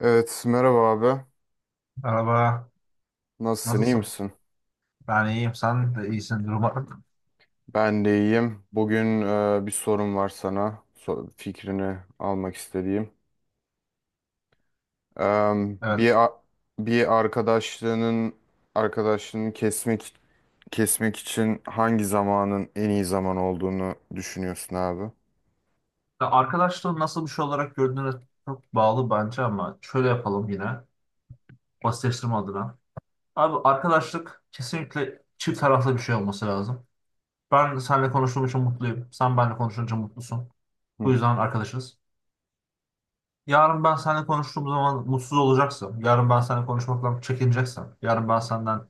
Evet, merhaba abi. Merhaba, Nasılsın, iyi nasılsın? misin? Ben iyiyim, sen de iyisindir umarım. Ben de iyiyim. Bugün bir sorum var sana. Fikrini almak istediğim. Em, bir Evet. a- bir arkadaşlığının arkadaşlığını kesmek için hangi zamanın en iyi zaman olduğunu düşünüyorsun abi? Ya Arkadaşlığı nasıl bir şey olarak gördüğüne çok bağlı bence ama şöyle yapalım yine, basitleştirme adına. Abi arkadaşlık kesinlikle çift taraflı bir şey olması lazım. Ben seninle konuştuğum için mutluyum, sen benimle konuşunca mutlusun. Bu Hı. yüzden arkadaşız. Yarın ben seninle konuştuğum zaman mutsuz olacaksın. Yarın ben seninle konuşmaktan çekineceksin. Yarın ben senden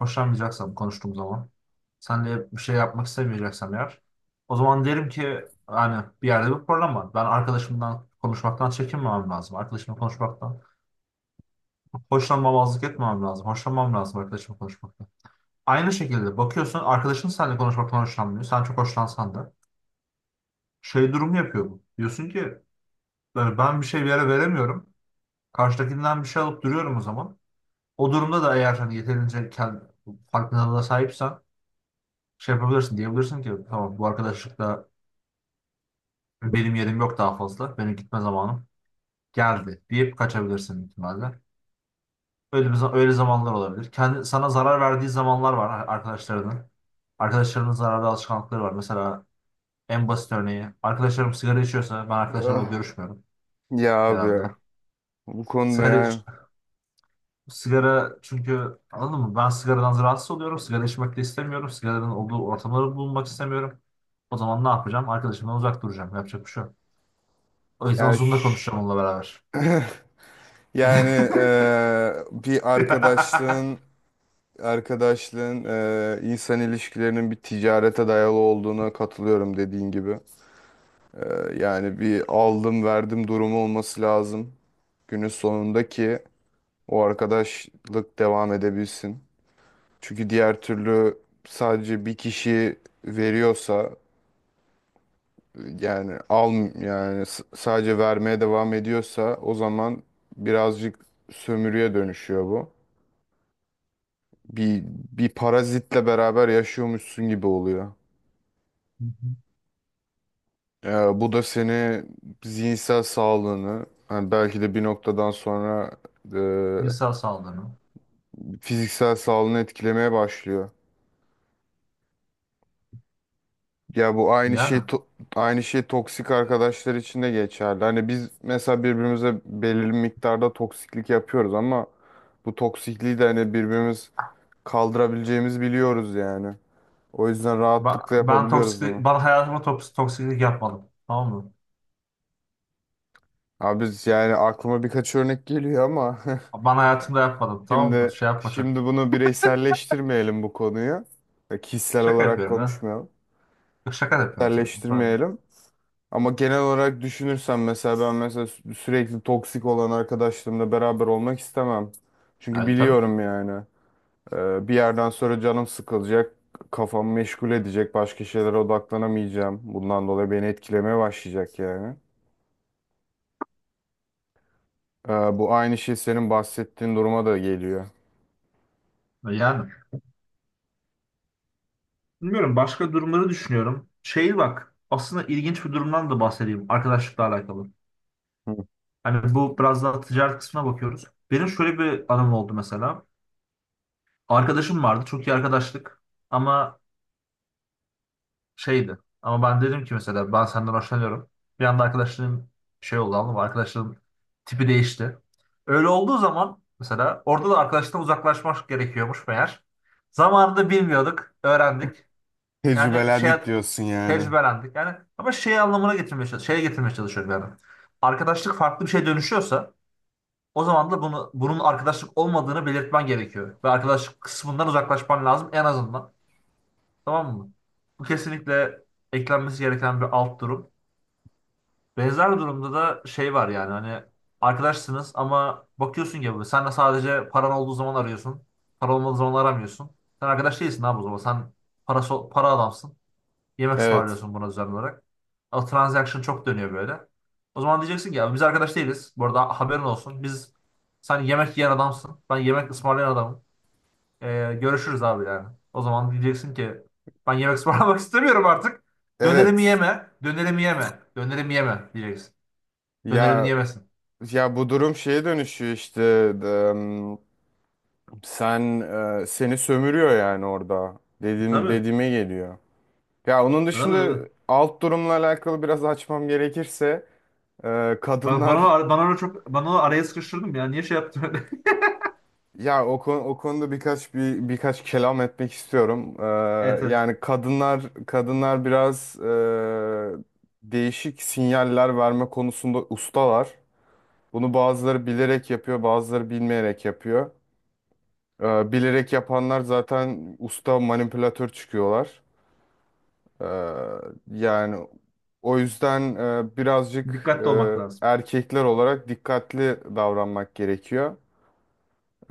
hoşlanmayacaksam konuştuğum zaman, sen de bir şey yapmak istemeyeceksem eğer, o zaman derim ki hani bir yerde bir problem var. Ben arkadaşımdan konuşmaktan çekinmemem lazım. Arkadaşımla konuşmaktan hoşlanmamazlık etmemem lazım. Hoşlanmam lazım arkadaşımla konuşmaktan. Aynı şekilde bakıyorsun arkadaşın seninle konuşmaktan hoşlanmıyor. Sen çok hoşlansan da şey durumu yapıyor bu. Diyorsun ki yani ben bir şey bir yere veremiyorum. Karşıdakinden bir şey alıp duruyorum o zaman. O durumda da eğer hani yeterince kendi farkındalığına sahipsen şey yapabilirsin diyebilirsin ki tamam bu arkadaşlıkta benim yerim yok daha fazla. Benim gitme zamanım geldi deyip kaçabilirsin büyük ihtimalle. Öyle zamanlar olabilir. Kendi, sana zarar verdiği zamanlar var arkadaşlarının. Arkadaşlarının zararlı alışkanlıkları var. Mesela en basit örneği arkadaşlarım sigara içiyorsa ben arkadaşlarımla Ah, görüşmüyorum ya abi genelde. ya. Bu konuda, Sigara iç- sigara çünkü anladın mı? Ben sigaradan rahatsız oluyorum. Sigara içmek de istemiyorum. Sigaranın olduğu ortamları bulunmak istemiyorum. O zaman ne yapacağım? Arkadaşımdan uzak duracağım. Yapacak bir şey yok. O yüzden yani Zoom'da ş- konuşacağım onunla beraber. yani bir arkadaşlığın, insan ilişkilerinin bir ticarete dayalı olduğuna katılıyorum dediğin gibi. E, Yani bir aldım verdim durumu olması lazım. Günün sonunda ki o arkadaşlık devam edebilsin. Çünkü diğer türlü sadece bir kişi veriyorsa, yani al sadece vermeye devam ediyorsa o zaman birazcık sömürüye dönüşüyor bu. Bir bir parazitle beraber yaşıyormuşsun gibi oluyor. Ya bu da seni zihinsel sağlığını, hani belki de bir noktadan sonra Cinsel saldırı. Fiziksel sağlığını etkilemeye başlıyor. Ya bu Yani. Aynı şey toksik arkadaşlar için de geçerli. Hani biz mesela birbirimize belirli miktarda toksiklik yapıyoruz ama bu toksikliği de hani birbirimiz kaldırabileceğimizi biliyoruz yani. O yüzden rahatlıkla Ben yapabiliyoruz toksik, bunu. bana hayatıma toksiklik yapmadım. Tamam mı? Abi biz yani aklıma birkaç örnek geliyor ama Ben hayatımda yapmadım. Tamam mı? Şimdi Şey yapma çok. şimdi bunu bireyselleştirmeyelim bu konuyu. Kişisel Şaka olarak yapıyorum ha. konuşmayalım. Yok şaka da yapıyorum zaten. Tabii. Bireyselleştirmeyelim. Ama genel olarak düşünürsen mesela ben mesela sürekli toksik olan arkadaşlarımla beraber olmak istemem. Çünkü Yani tabii. biliyorum yani, bir yerden sonra canım sıkılacak, kafam meşgul edecek, başka şeylere odaklanamayacağım. Bundan dolayı beni etkilemeye başlayacak yani. E, Bu aynı şey senin bahsettiğin duruma da geliyor. Yani. Bilmiyorum. Başka durumları düşünüyorum. Şey bak. Aslında ilginç bir durumdan da bahsedeyim. Arkadaşlıkla alakalı. Hı. Hani bu biraz daha ticaret kısmına bakıyoruz. Benim şöyle bir anım oldu mesela. Arkadaşım vardı. Çok iyi arkadaşlık. Ama şeydi. Ama ben dedim ki mesela ben senden hoşlanıyorum. Bir anda arkadaşlığın şey oldu anladın mı? Arkadaşlığın tipi değişti. Öyle olduğu zaman mesela orada da arkadaşlıktan uzaklaşmak gerekiyormuş meğer. Zamanında bilmiyorduk, öğrendik. Yani şey Tecrübelendik diyorsun yani. tecrübelendik. Yani ama şey anlamına getirmeye çalış şeye getirmeye çalışıyorum yani. Arkadaşlık farklı bir şeye dönüşüyorsa o zaman da bunun arkadaşlık olmadığını belirtmen gerekiyor. Ve arkadaşlık kısmından uzaklaşman lazım en azından. Tamam mı? Bu kesinlikle eklenmesi gereken bir alt durum. Benzer durumda da şey var yani hani arkadaşsınız ama bakıyorsun ki böyle sen de sadece paran olduğu zaman arıyorsun. Para olmadığı zaman aramıyorsun. Sen arkadaş değilsin abi o zaman. Sen para adamsın. Yemek Evet. ısmarlıyorsun buna düzenli olarak. O transaction çok dönüyor böyle. O zaman diyeceksin ki ya biz arkadaş değiliz. Bu arada haberin olsun. Biz sen yemek yiyen adamsın. Ben yemek ısmarlayan adamım. Görüşürüz abi yani. O zaman diyeceksin ki ben yemek ısmarlamak istemiyorum artık. Dönerimi Evet. yeme, dönerimi yeme, dönerimi yeme diyeceksin. Dönerimi Ya yemesin. ya bu durum şeye dönüşüyor işte, em, sen seni sömürüyor yani, orada dedim Tabii. dediğime geliyor. Ya onun Tabii tabii. dışında alt durumla alakalı biraz açmam gerekirse, Bana, kadınlar, bana, bana öyle çok bana onu araya sıkıştırdım ya. Niye şey yaptın öyle? ya o konuda birkaç kelam etmek istiyorum. Evet evet. Yani kadınlar biraz değişik sinyaller verme konusunda ustalar. Bunu bazıları bilerek yapıyor, bazıları bilmeyerek yapıyor. Bilerek yapanlar zaten usta manipülatör çıkıyorlar. Ee, yani o yüzden birazcık Dikkatli olmak lazım. erkekler olarak dikkatli davranmak gerekiyor.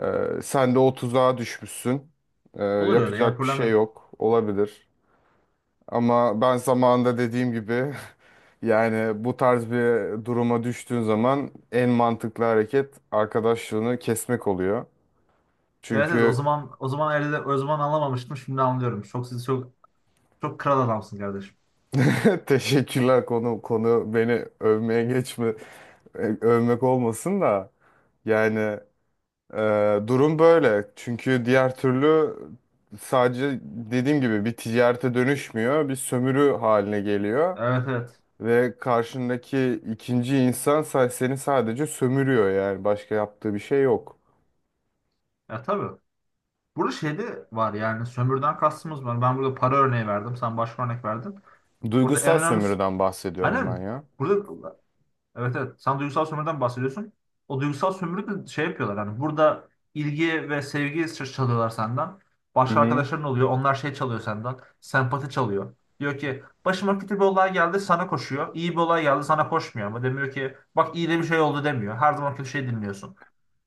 Sen de o tuzağa düşmüşsün. Ee, Olur öyle ya yapacak bir problem şey yok. yok. Olabilir. Ama ben zamanında dediğim gibi, yani bu tarz bir duruma düştüğün zaman en mantıklı hareket arkadaşlığını kesmek oluyor. Evet evet o Çünkü... zaman o zaman elde o zaman anlamamıştım şimdi anlıyorum. Çok çok kral adamsın kardeşim. Teşekkürler. Konu beni övmeye geçme. Övmek olmasın da yani, e, durum böyle çünkü diğer türlü sadece dediğim gibi bir ticarete dönüşmüyor, bir sömürü haline geliyor Evet evet. ve karşındaki ikinci insan seni sadece sömürüyor, yani başka yaptığı bir şey yok. Ya tabii. Burada şeyde var yani sömürden kastımız var. Ben burada para örneği verdim. Sen başka örnek verdin. Burada en Duygusal önemlisi, sömürüden bahsediyorum ben aynen ya. burada evet evet sen duygusal sömürüden bahsediyorsun. O duygusal sömürü de şey yapıyorlar hani burada ilgi ve sevgi çalıyorlar senden. Hı Başka hı. arkadaşların oluyor. Onlar şey çalıyor senden. Sempati çalıyor. Diyor ki başıma kötü bir olay geldi sana koşuyor. İyi bir olay geldi sana koşmuyor ama demiyor ki bak iyi de bir şey oldu demiyor. Her zaman kötü şey dinliyorsun.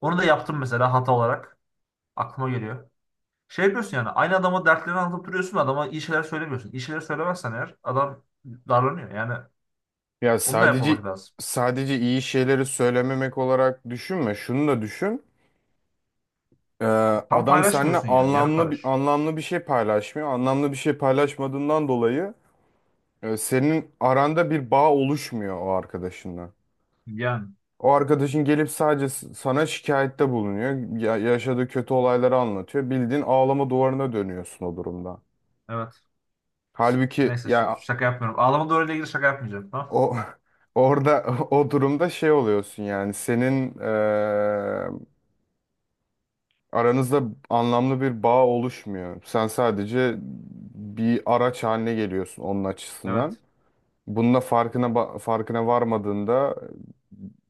Onu da yaptım mesela hata olarak. Aklıma geliyor. Şey yapıyorsun yani aynı adama dertlerini anlatıp duruyorsun adama iyi şeyler söylemiyorsun. İyi şeyler söylemezsen eğer adam darlanıyor. Yani Ya onu da sadece yapmamak lazım. sadece iyi şeyleri söylememek olarak düşünme, şunu da düşün. Ee, Tam adam seninle paylaşmıyorsun yani. Yarım anlamlı bir paylaş. anlamlı bir şey paylaşmıyor. Anlamlı bir şey paylaşmadığından dolayı senin aranda bir bağ oluşmuyor o arkadaşınla. Yani O arkadaşın gelip sadece sana şikayette bulunuyor. Yaşadığı kötü olayları anlatıyor. Bildiğin ağlama duvarına dönüyorsun o durumda. evet. Halbuki Neyse ya şaka yapmıyorum. Ağlama doğruyla ilgili şaka yapmayacağım. Tamam. o orada o durumda şey oluyorsun, yani senin aranızda anlamlı bir bağ oluşmuyor. Sen sadece bir araç haline geliyorsun onun açısından. Evet. Bununla farkına varmadığında,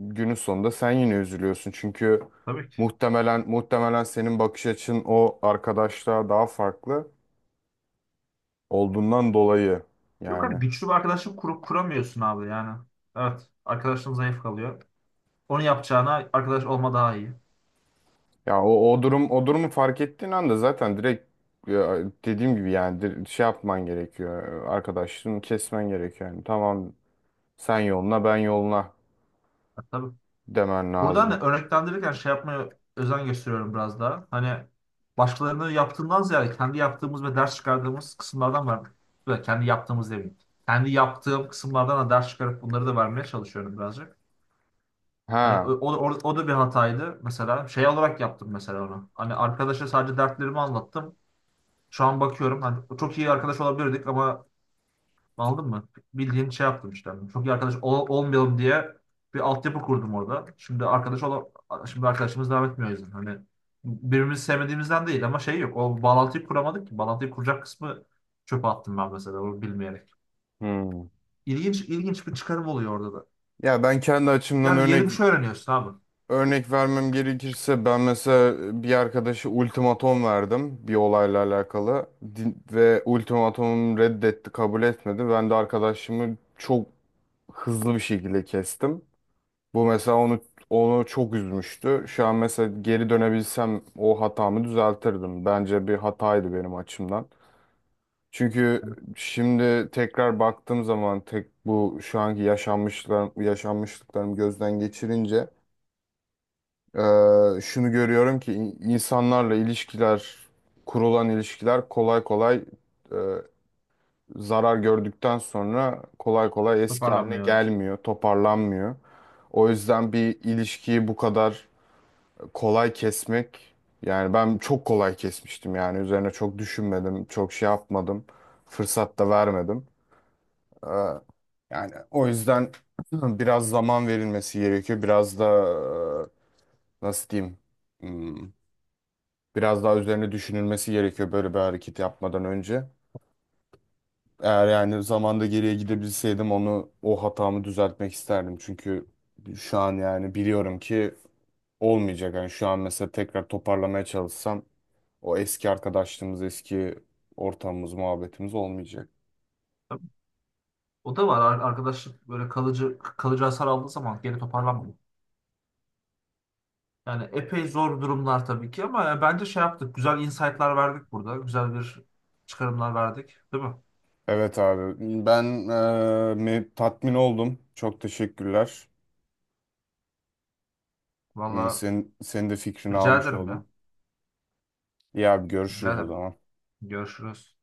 günün sonunda sen yine üzülüyorsun. Çünkü Tabii ki. muhtemelen senin bakış açın o arkadaşlığa daha farklı olduğundan dolayı Yok abi yani. güçlü bir arkadaşlık kurup kuramıyorsun abi yani. Evet. Arkadaşın zayıf kalıyor. Onu yapacağına arkadaş olma daha iyi. Ya o durumu fark ettiğin anda zaten direkt, ya, dediğim gibi yani, şey yapman gerekiyor. Arkadaşlığını kesmen gerekiyor. Yani tamam, sen yoluna ben yoluna Ha, tabii. demen Buradan lazım. da örneklendirirken şey yapmaya özen gösteriyorum biraz daha. Hani başkalarının yaptığından ziyade kendi yaptığımız ve ders çıkardığımız kısımlardan var. Böyle kendi yaptığımız demeyeyim. Kendi yaptığım kısımlardan da ders çıkarıp bunları da vermeye çalışıyorum birazcık. Hani Ha. o, o, o da bir hataydı mesela. Şey olarak yaptım mesela onu. Hani arkadaşa sadece dertlerimi anlattım. Şu an bakıyorum hani çok iyi arkadaş olabilirdik ama anladın mı? Bildiğin şey yaptım işte. Hani Çok iyi arkadaş olmayalım diye bir altyapı kurdum orada. Şimdi arkadaşımız devam etmiyor o yüzden. Hani birbirimizi sevmediğimizden değil ama şey yok. O bağlantıyı kuramadık ki. Bağlantıyı kuracak kısmı çöpe attım ben mesela onu bilmeyerek. Hmm. İlginç bir çıkarım oluyor orada da. Ya ben kendi açımdan Yani yeni örnek bir şey öğreniyorsun abi. örnek vermem gerekirse, ben mesela bir arkadaşa ultimatom verdim bir olayla alakalı. Ve ultimatomum reddetti, kabul etmedi. Ben de arkadaşımı çok hızlı bir şekilde kestim. Bu mesela onu çok üzmüştü. Şu an mesela geri dönebilsem o hatamı düzeltirdim. Bence bir hataydı benim açımdan. Çünkü şimdi tekrar baktığım zaman, tek bu şu anki yaşanmışlıklarımı gözden geçirince, e, şunu görüyorum ki insanlarla ilişkiler, kurulan ilişkiler kolay kolay, e, zarar gördükten sonra kolay kolay eski haline Toparlanmıyor evet. gelmiyor, toparlanmıyor. O yüzden bir ilişkiyi bu kadar kolay kesmek, yani ben çok kolay kesmiştim, yani üzerine çok düşünmedim, çok şey yapmadım, fırsat da vermedim. Ee, Yani o yüzden biraz zaman verilmesi gerekiyor. Biraz da nasıl diyeyim? Hmm, Biraz daha üzerine düşünülmesi gerekiyor böyle bir hareket yapmadan önce. Eğer yani zamanda geriye gidebilseydim o hatamı düzeltmek isterdim. Çünkü şu an yani biliyorum ki olmayacak. Yani şu an mesela tekrar toparlamaya çalışsam o eski arkadaşlığımız, eski ortamımız, muhabbetimiz olmayacak. O da var. Arkadaşlık böyle kalıcı hasar aldığı zaman geri toparlanmıyor. Yani epey zor durumlar tabii ki ama bence şey yaptık. Güzel insight'lar verdik burada. Güzel bir çıkarımlar verdik. Değil mi? Evet abi, ben tatmin oldum. Çok teşekkürler. Valla Senin de fikrini rica almış ederim ya. oldum. İyi abi, Rica görüşürüz o ederim. zaman. Görüşürüz.